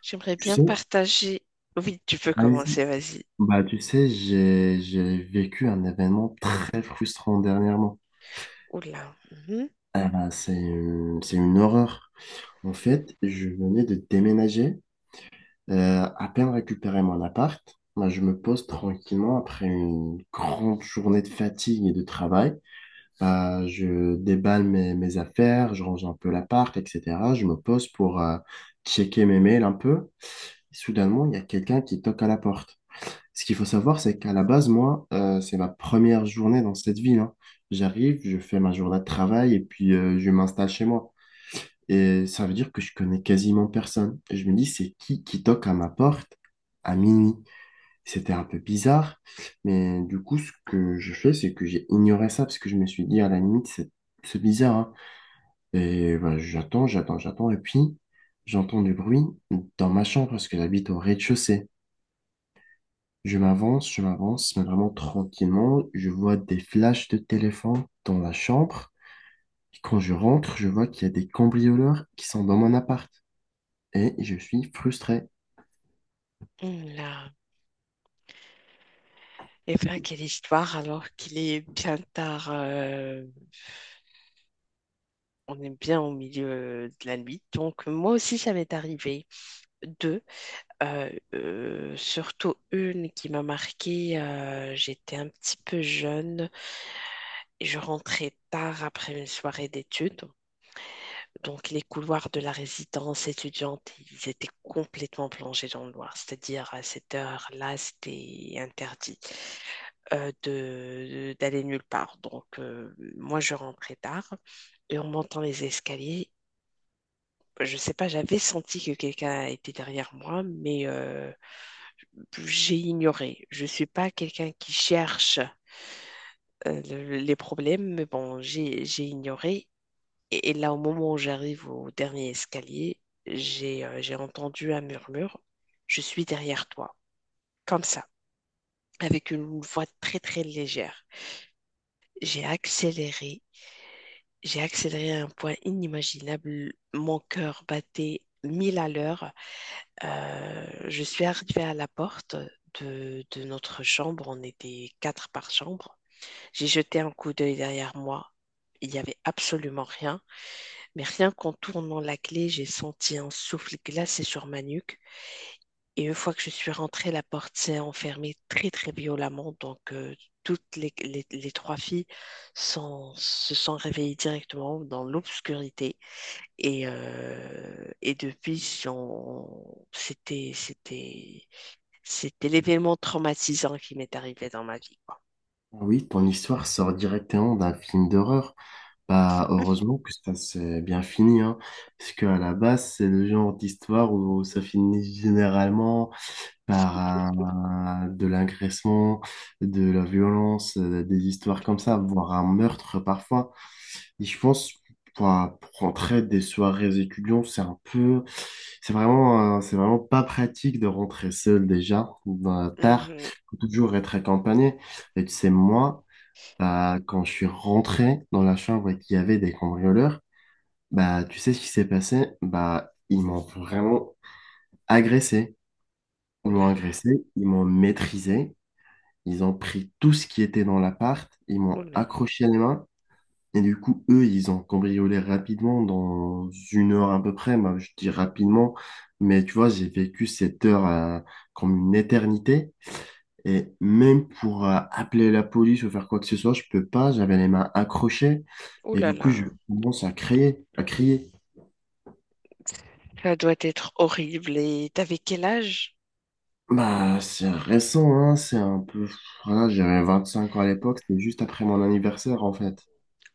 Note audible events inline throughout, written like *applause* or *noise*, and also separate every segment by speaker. Speaker 1: J'aimerais
Speaker 2: Tu
Speaker 1: bien
Speaker 2: sais,
Speaker 1: partager. Oui, tu peux
Speaker 2: vas-y.
Speaker 1: commencer, vas-y.
Speaker 2: Bah, tu sais, j'ai vécu un événement très frustrant dernièrement.
Speaker 1: Oula. Mhm.
Speaker 2: Ah bah, c'est une horreur. En fait, je venais de déménager, à peine récupérer mon appart. Bah, je me pose tranquillement après une grande journée de fatigue et de travail. Bah, je déballe mes affaires, je range un peu l'appart, etc. Je me pose pour checker mes mails un peu. Soudainement, il y a quelqu'un qui toque à la porte. Ce qu'il faut savoir, c'est qu'à la base, moi, c'est ma première journée dans cette ville, hein. J'arrive, je fais ma journée de travail et puis je m'installe chez moi. Et ça veut dire que je connais quasiment personne. Et je me dis, c'est qui toque à ma porte à minuit? C'était un peu bizarre, mais du coup, ce que je fais, c'est que j'ai ignoré ça parce que je me suis dit, à la limite, c'est bizarre, hein. Et voilà, j'attends. Et puis, j'entends du bruit dans ma chambre parce que j'habite au rez-de-chaussée. Je m'avance, mais vraiment tranquillement. Je vois des flashs de téléphone dans la chambre. Et quand je rentre, je vois qu'il y a des cambrioleurs qui sont dans mon appart. Et je suis frustré.
Speaker 1: Oula. Eh bien, quelle histoire alors qu'il est bien tard. On est bien au milieu de la nuit. Donc, moi aussi, ça m'est arrivé deux. Surtout une qui m'a marquée. J'étais un petit peu jeune et je rentrais tard après une soirée d'études. Donc, les couloirs de la résidence étudiante, ils étaient complètement plongés dans le noir. C'est-à-dire, à cette heure-là, c'était interdit d'aller nulle part. Donc, moi, je rentrais tard et en montant les escaliers, je sais pas, j'avais senti que quelqu'un était derrière moi, mais j'ai ignoré. Je suis pas quelqu'un qui cherche les problèmes, mais bon, j'ai ignoré. Et là, au moment où j'arrive au dernier escalier, j'ai entendu un murmure. Je suis derrière toi, comme ça, avec une voix très très légère. J'ai accéléré, j'ai accéléré à un point inimaginable. Mon cœur battait mille à l'heure. Je suis arrivée à la porte de notre chambre. On était quatre par chambre. J'ai jeté un coup d'œil derrière moi. Il n'y avait absolument rien. Mais rien qu'en tournant la clé, j'ai senti un souffle glacé sur ma nuque. Et une fois que je suis rentrée, la porte s'est enfermée très, très violemment. Donc, toutes les trois filles se sont réveillées directement dans l'obscurité. Et depuis, c'était l'événement traumatisant qui m'est arrivé dans ma vie, quoi.
Speaker 2: Ah oui, ton histoire sort directement d'un film d'horreur. Bah, heureusement que ça s'est bien fini, hein. Parce qu'à la base, c'est le genre d'histoire où ça finit généralement par de l'agressement, de la violence, des histoires comme ça, voire un meurtre parfois. Et je pense, pour, pour rentrer des soirées étudiants, c'est vraiment pas pratique de rentrer seul déjà, ben, tard.
Speaker 1: Mhm.
Speaker 2: Faut toujours être accompagné. Et tu sais, moi, bah, quand je suis rentré dans la chambre et qu'il y avait des cambrioleurs, bah, tu sais ce qui s'est passé? Bah, ils m'ont vraiment agressé.
Speaker 1: Oh
Speaker 2: Ils
Speaker 1: là
Speaker 2: m'ont
Speaker 1: là,
Speaker 2: agressé, ils m'ont maîtrisé, ils ont pris tout ce qui était dans l'appart, ils
Speaker 1: oh
Speaker 2: m'ont
Speaker 1: là là,
Speaker 2: accroché les mains, et du coup, eux, ils ont cambriolé rapidement, dans une heure à peu près. Bah, je dis rapidement, mais tu vois, j'ai vécu cette heure comme une éternité, et même pour appeler la police ou faire quoi que ce soit, je peux pas, j'avais les mains accrochées,
Speaker 1: oh
Speaker 2: et
Speaker 1: là
Speaker 2: du coup, je
Speaker 1: là.
Speaker 2: commence à crier, à crier.
Speaker 1: Ça doit être horrible. Et t'avais quel âge?
Speaker 2: Bah, c'est récent, hein, c'est un peu... Voilà, j'avais 25 ans à l'époque, c'était juste après mon anniversaire, en fait.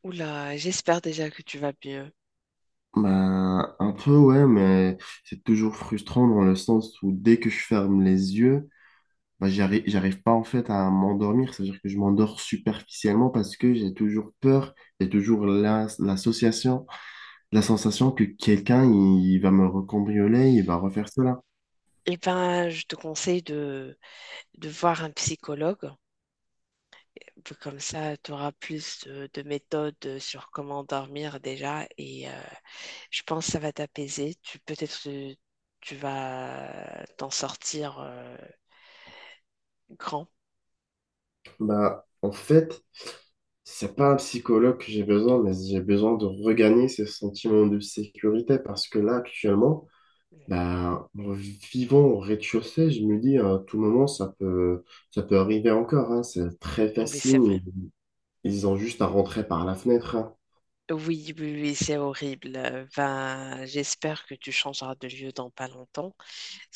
Speaker 1: Oula, j'espère déjà que tu vas mieux.
Speaker 2: Bah, un peu, ouais, mais c'est toujours frustrant dans le sens où dès que je ferme les yeux, bah, j'arrive pas en fait à m'endormir. C'est-à-dire que je m'endors superficiellement parce que j'ai toujours peur, j'ai toujours l'association, la sensation que quelqu'un, il va me recambrioler, il va refaire cela.
Speaker 1: Eh ben, je te conseille de voir un psychologue. Comme ça, tu auras plus de méthodes sur comment dormir déjà. Et je pense que ça va t'apaiser. Tu peut-être tu vas t'en sortir grand.
Speaker 2: Bah, en fait, c'est pas un psychologue que j'ai besoin, mais j'ai besoin de regagner ce sentiment de sécurité parce que là, actuellement, ben, vivant au rez-de-chaussée, je me dis à tout moment ça peut arriver encore, hein. C'est très
Speaker 1: Oui,
Speaker 2: facile.
Speaker 1: c'est vrai.
Speaker 2: Ils ont juste à rentrer par la fenêtre, hein.
Speaker 1: Oui, oui, oui, c'est horrible. Ben, j'espère que tu changeras de lieu dans pas longtemps.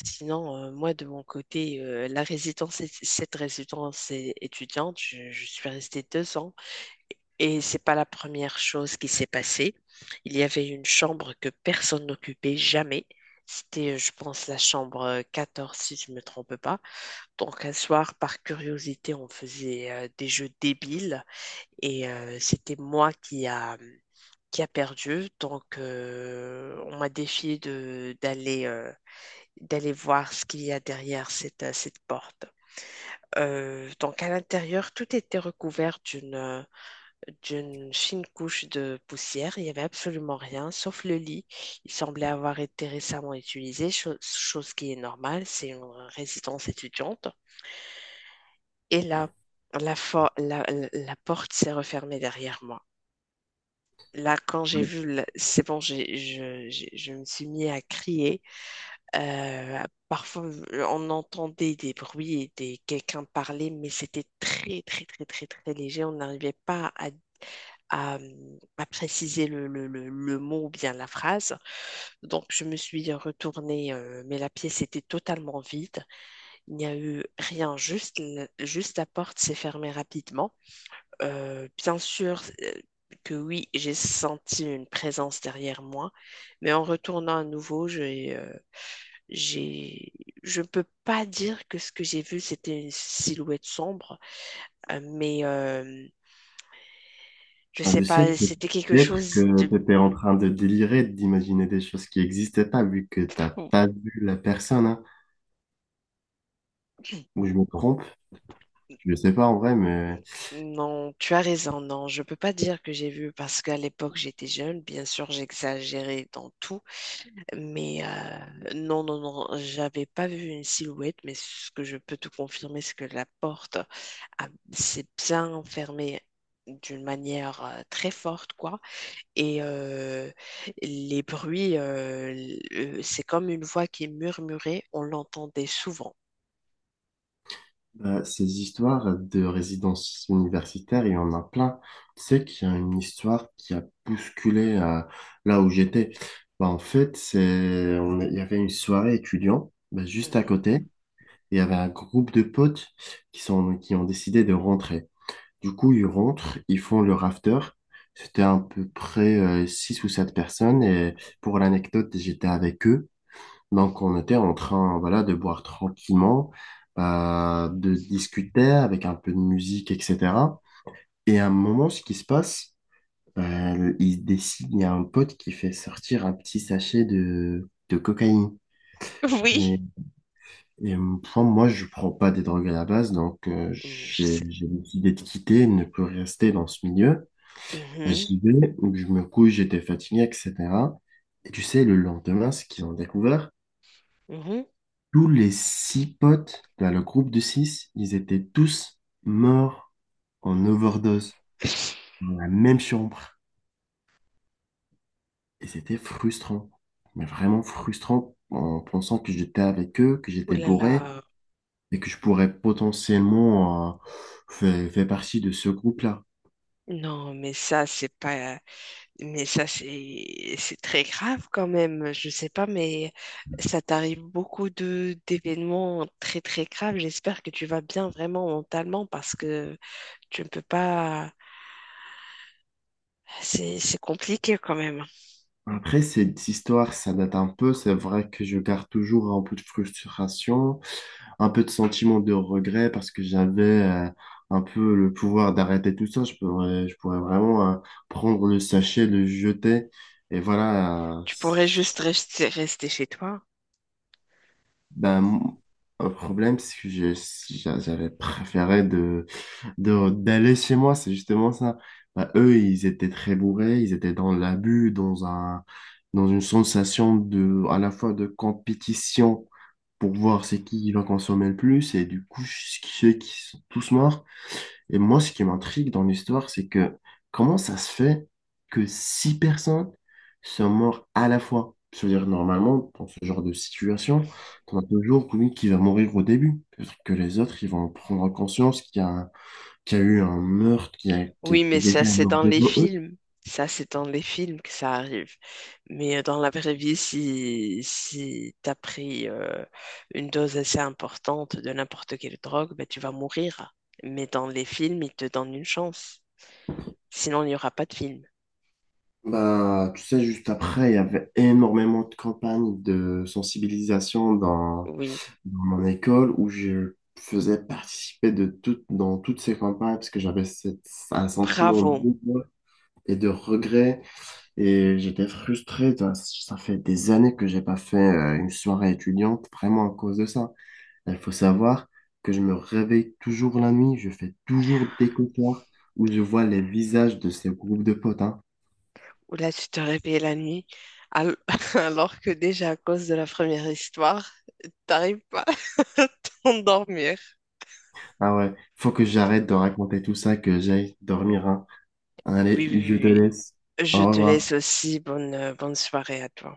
Speaker 1: Sinon, moi, de mon côté, la cette étudiante, je suis restée deux ans et c'est pas la première chose qui s'est passée. Il y avait une chambre que personne n'occupait jamais. C'était, je pense, la chambre 14, si je me trompe pas. Donc, un soir, par curiosité, on faisait des jeux débiles et c'était qui a perdu. Donc, on m'a défié d'aller. D'aller voir ce qu'il y a derrière cette porte. Donc à l'intérieur, tout était recouvert d'une fine couche de poussière. Il n'y avait absolument rien, sauf le lit. Il semblait avoir été récemment utilisé, chose qui est normale, c'est une résidence étudiante. Et là, la, for- la, la- la porte s'est refermée derrière moi. Là, quand j'ai vu, c'est bon, je me suis mis à crier. Euh, Parfois, on entendait des bruits et des, quelqu'un parler, mais c'était très, très, très, très, très léger. On n'arrivait pas à, à préciser le mot ou bien la phrase. Donc, je me suis retournée, mais la pièce était totalement vide. Il n'y a eu rien, juste, juste la porte s'est fermée rapidement. Bien sûr, que oui, j'ai senti une présence derrière moi, mais en retournant à nouveau, j'ai, je ne peux pas dire que ce que j'ai vu, c'était une silhouette sombre, euh, mais euh, je
Speaker 2: Ben,
Speaker 1: sais
Speaker 2: je sais
Speaker 1: pas, c'était quelque
Speaker 2: peut-être
Speaker 1: chose
Speaker 2: que
Speaker 1: de...
Speaker 2: tu étais en train de délirer, d'imaginer des choses qui n'existaient pas vu que t'as pas vu la personne, hein. Ou je me trompe, je ne sais pas en vrai, mais.
Speaker 1: Non, tu as raison, non, je peux pas dire que j'ai vu parce qu'à l'époque j'étais jeune, bien sûr j'exagérais dans tout, mais non, non, non, j'avais pas vu une silhouette, mais ce que je peux te confirmer, c'est que la s'est bien fermée d'une manière très forte, quoi. Et les bruits, c'est comme une voix qui murmurait, on l'entendait souvent.
Speaker 2: Ces histoires de résidence universitaire, il y en a plein. Tu sais qu'il y a une histoire qui a bousculé là où j'étais. Bah, en fait, il y avait une soirée étudiant bah, juste à
Speaker 1: Mhm.
Speaker 2: côté. Il y avait un groupe de potes qui ont décidé de rentrer. Du coup, ils rentrent, ils font leur after. C'était à peu près 6 ou 7 personnes. Et pour l'anecdote, j'étais avec eux. Donc, on était en train, voilà, de boire tranquillement, de discuter avec un peu de musique, etc. Et à un moment, ce qui se passe, il y a un pote qui fait sortir un petit sachet de cocaïne. Et,
Speaker 1: Oui.
Speaker 2: et enfin, moi, je prends pas des drogues à la base, donc
Speaker 1: Mm, je
Speaker 2: j'ai
Speaker 1: sais.
Speaker 2: j'ai décidé de quitter, de ne plus rester dans ce milieu. Bah,
Speaker 1: Mhm.
Speaker 2: j'y vais, donc je me couche, j'étais fatigué, etc. Et tu sais, le lendemain, ce qu'ils ont découvert,
Speaker 1: Mhm.
Speaker 2: tous les six potes, dans le groupe de six, ils étaient tous morts en overdose dans la même chambre. Et c'était frustrant, mais vraiment frustrant en pensant que j'étais avec eux, que
Speaker 1: Ouh
Speaker 2: j'étais
Speaker 1: là
Speaker 2: bourré
Speaker 1: là.
Speaker 2: et que je pourrais potentiellement faire partie de ce groupe-là.
Speaker 1: Non, mais ça, c'est pas. Mais ça, c'est très grave quand même. Je sais pas, mais ça t'arrive beaucoup de d'événements très très graves. J'espère que tu vas bien vraiment mentalement parce que tu ne peux pas. C'est compliqué quand même.
Speaker 2: Après, cette histoire, ça date un peu. C'est vrai que je garde toujours un peu de frustration, un peu de sentiment de regret parce que j'avais un peu le pouvoir d'arrêter tout ça. Je pourrais vraiment prendre le sachet, le jeter. Et voilà,
Speaker 1: Tu pourrais juste rester, rester chez toi.
Speaker 2: ben, mon- le problème, c'est que j'avais préféré d'aller chez moi. C'est justement ça. Ben, eux, ils étaient très bourrés, ils étaient dans l'abus, dans une sensation de, à la fois de compétition pour voir c'est qui va consommer le plus. Et du coup, ceux qui sont tous morts. Et moi, ce qui m'intrigue dans l'histoire, c'est que comment ça se fait que six personnes sont mortes à la fois? Je veux dire, normalement, dans ce genre de situation, on a toujours celui qui va mourir au début. Peut-être que les autres, ils vont prendre conscience qu'il y a eu un meurtre,
Speaker 1: Oui, mais
Speaker 2: que
Speaker 1: ça,
Speaker 2: quelqu'un est
Speaker 1: c'est
Speaker 2: mort
Speaker 1: dans les
Speaker 2: devant eux.
Speaker 1: films. Ça, c'est dans les films que ça arrive. Mais dans la vraie vie, si, si tu as pris une dose assez importante de n'importe quelle drogue, ben, tu vas mourir. Mais dans les films, ils te donnent une chance. Sinon, il n'y aura pas de film.
Speaker 2: Bah, tu sais, juste après, il y avait énormément de campagnes de sensibilisation
Speaker 1: Oui,
Speaker 2: dans mon école où je faisais participer de toutes dans toutes ces campagnes parce que j'avais un sentiment de
Speaker 1: bravo.
Speaker 2: devoir et de regret et j'étais frustré. Ça fait des années que j'ai pas fait une soirée étudiante vraiment à cause de ça. Il faut savoir que je me réveille toujours la nuit, je fais toujours des cauchemars où je vois les visages de ces groupes de potes, hein.
Speaker 1: Ou là, tu te réveilles la nuit, al- *laughs* alors que déjà à cause de la première histoire, t'arrives pas *laughs* à t'endormir.
Speaker 2: Ah ouais, faut que j'arrête de raconter tout ça, que j'aille dormir, hein.
Speaker 1: Oui,
Speaker 2: Allez,
Speaker 1: oui,
Speaker 2: je te
Speaker 1: oui.
Speaker 2: laisse.
Speaker 1: Oui. Je
Speaker 2: Au
Speaker 1: te
Speaker 2: revoir.
Speaker 1: laisse aussi. Bonne, bonne soirée à toi.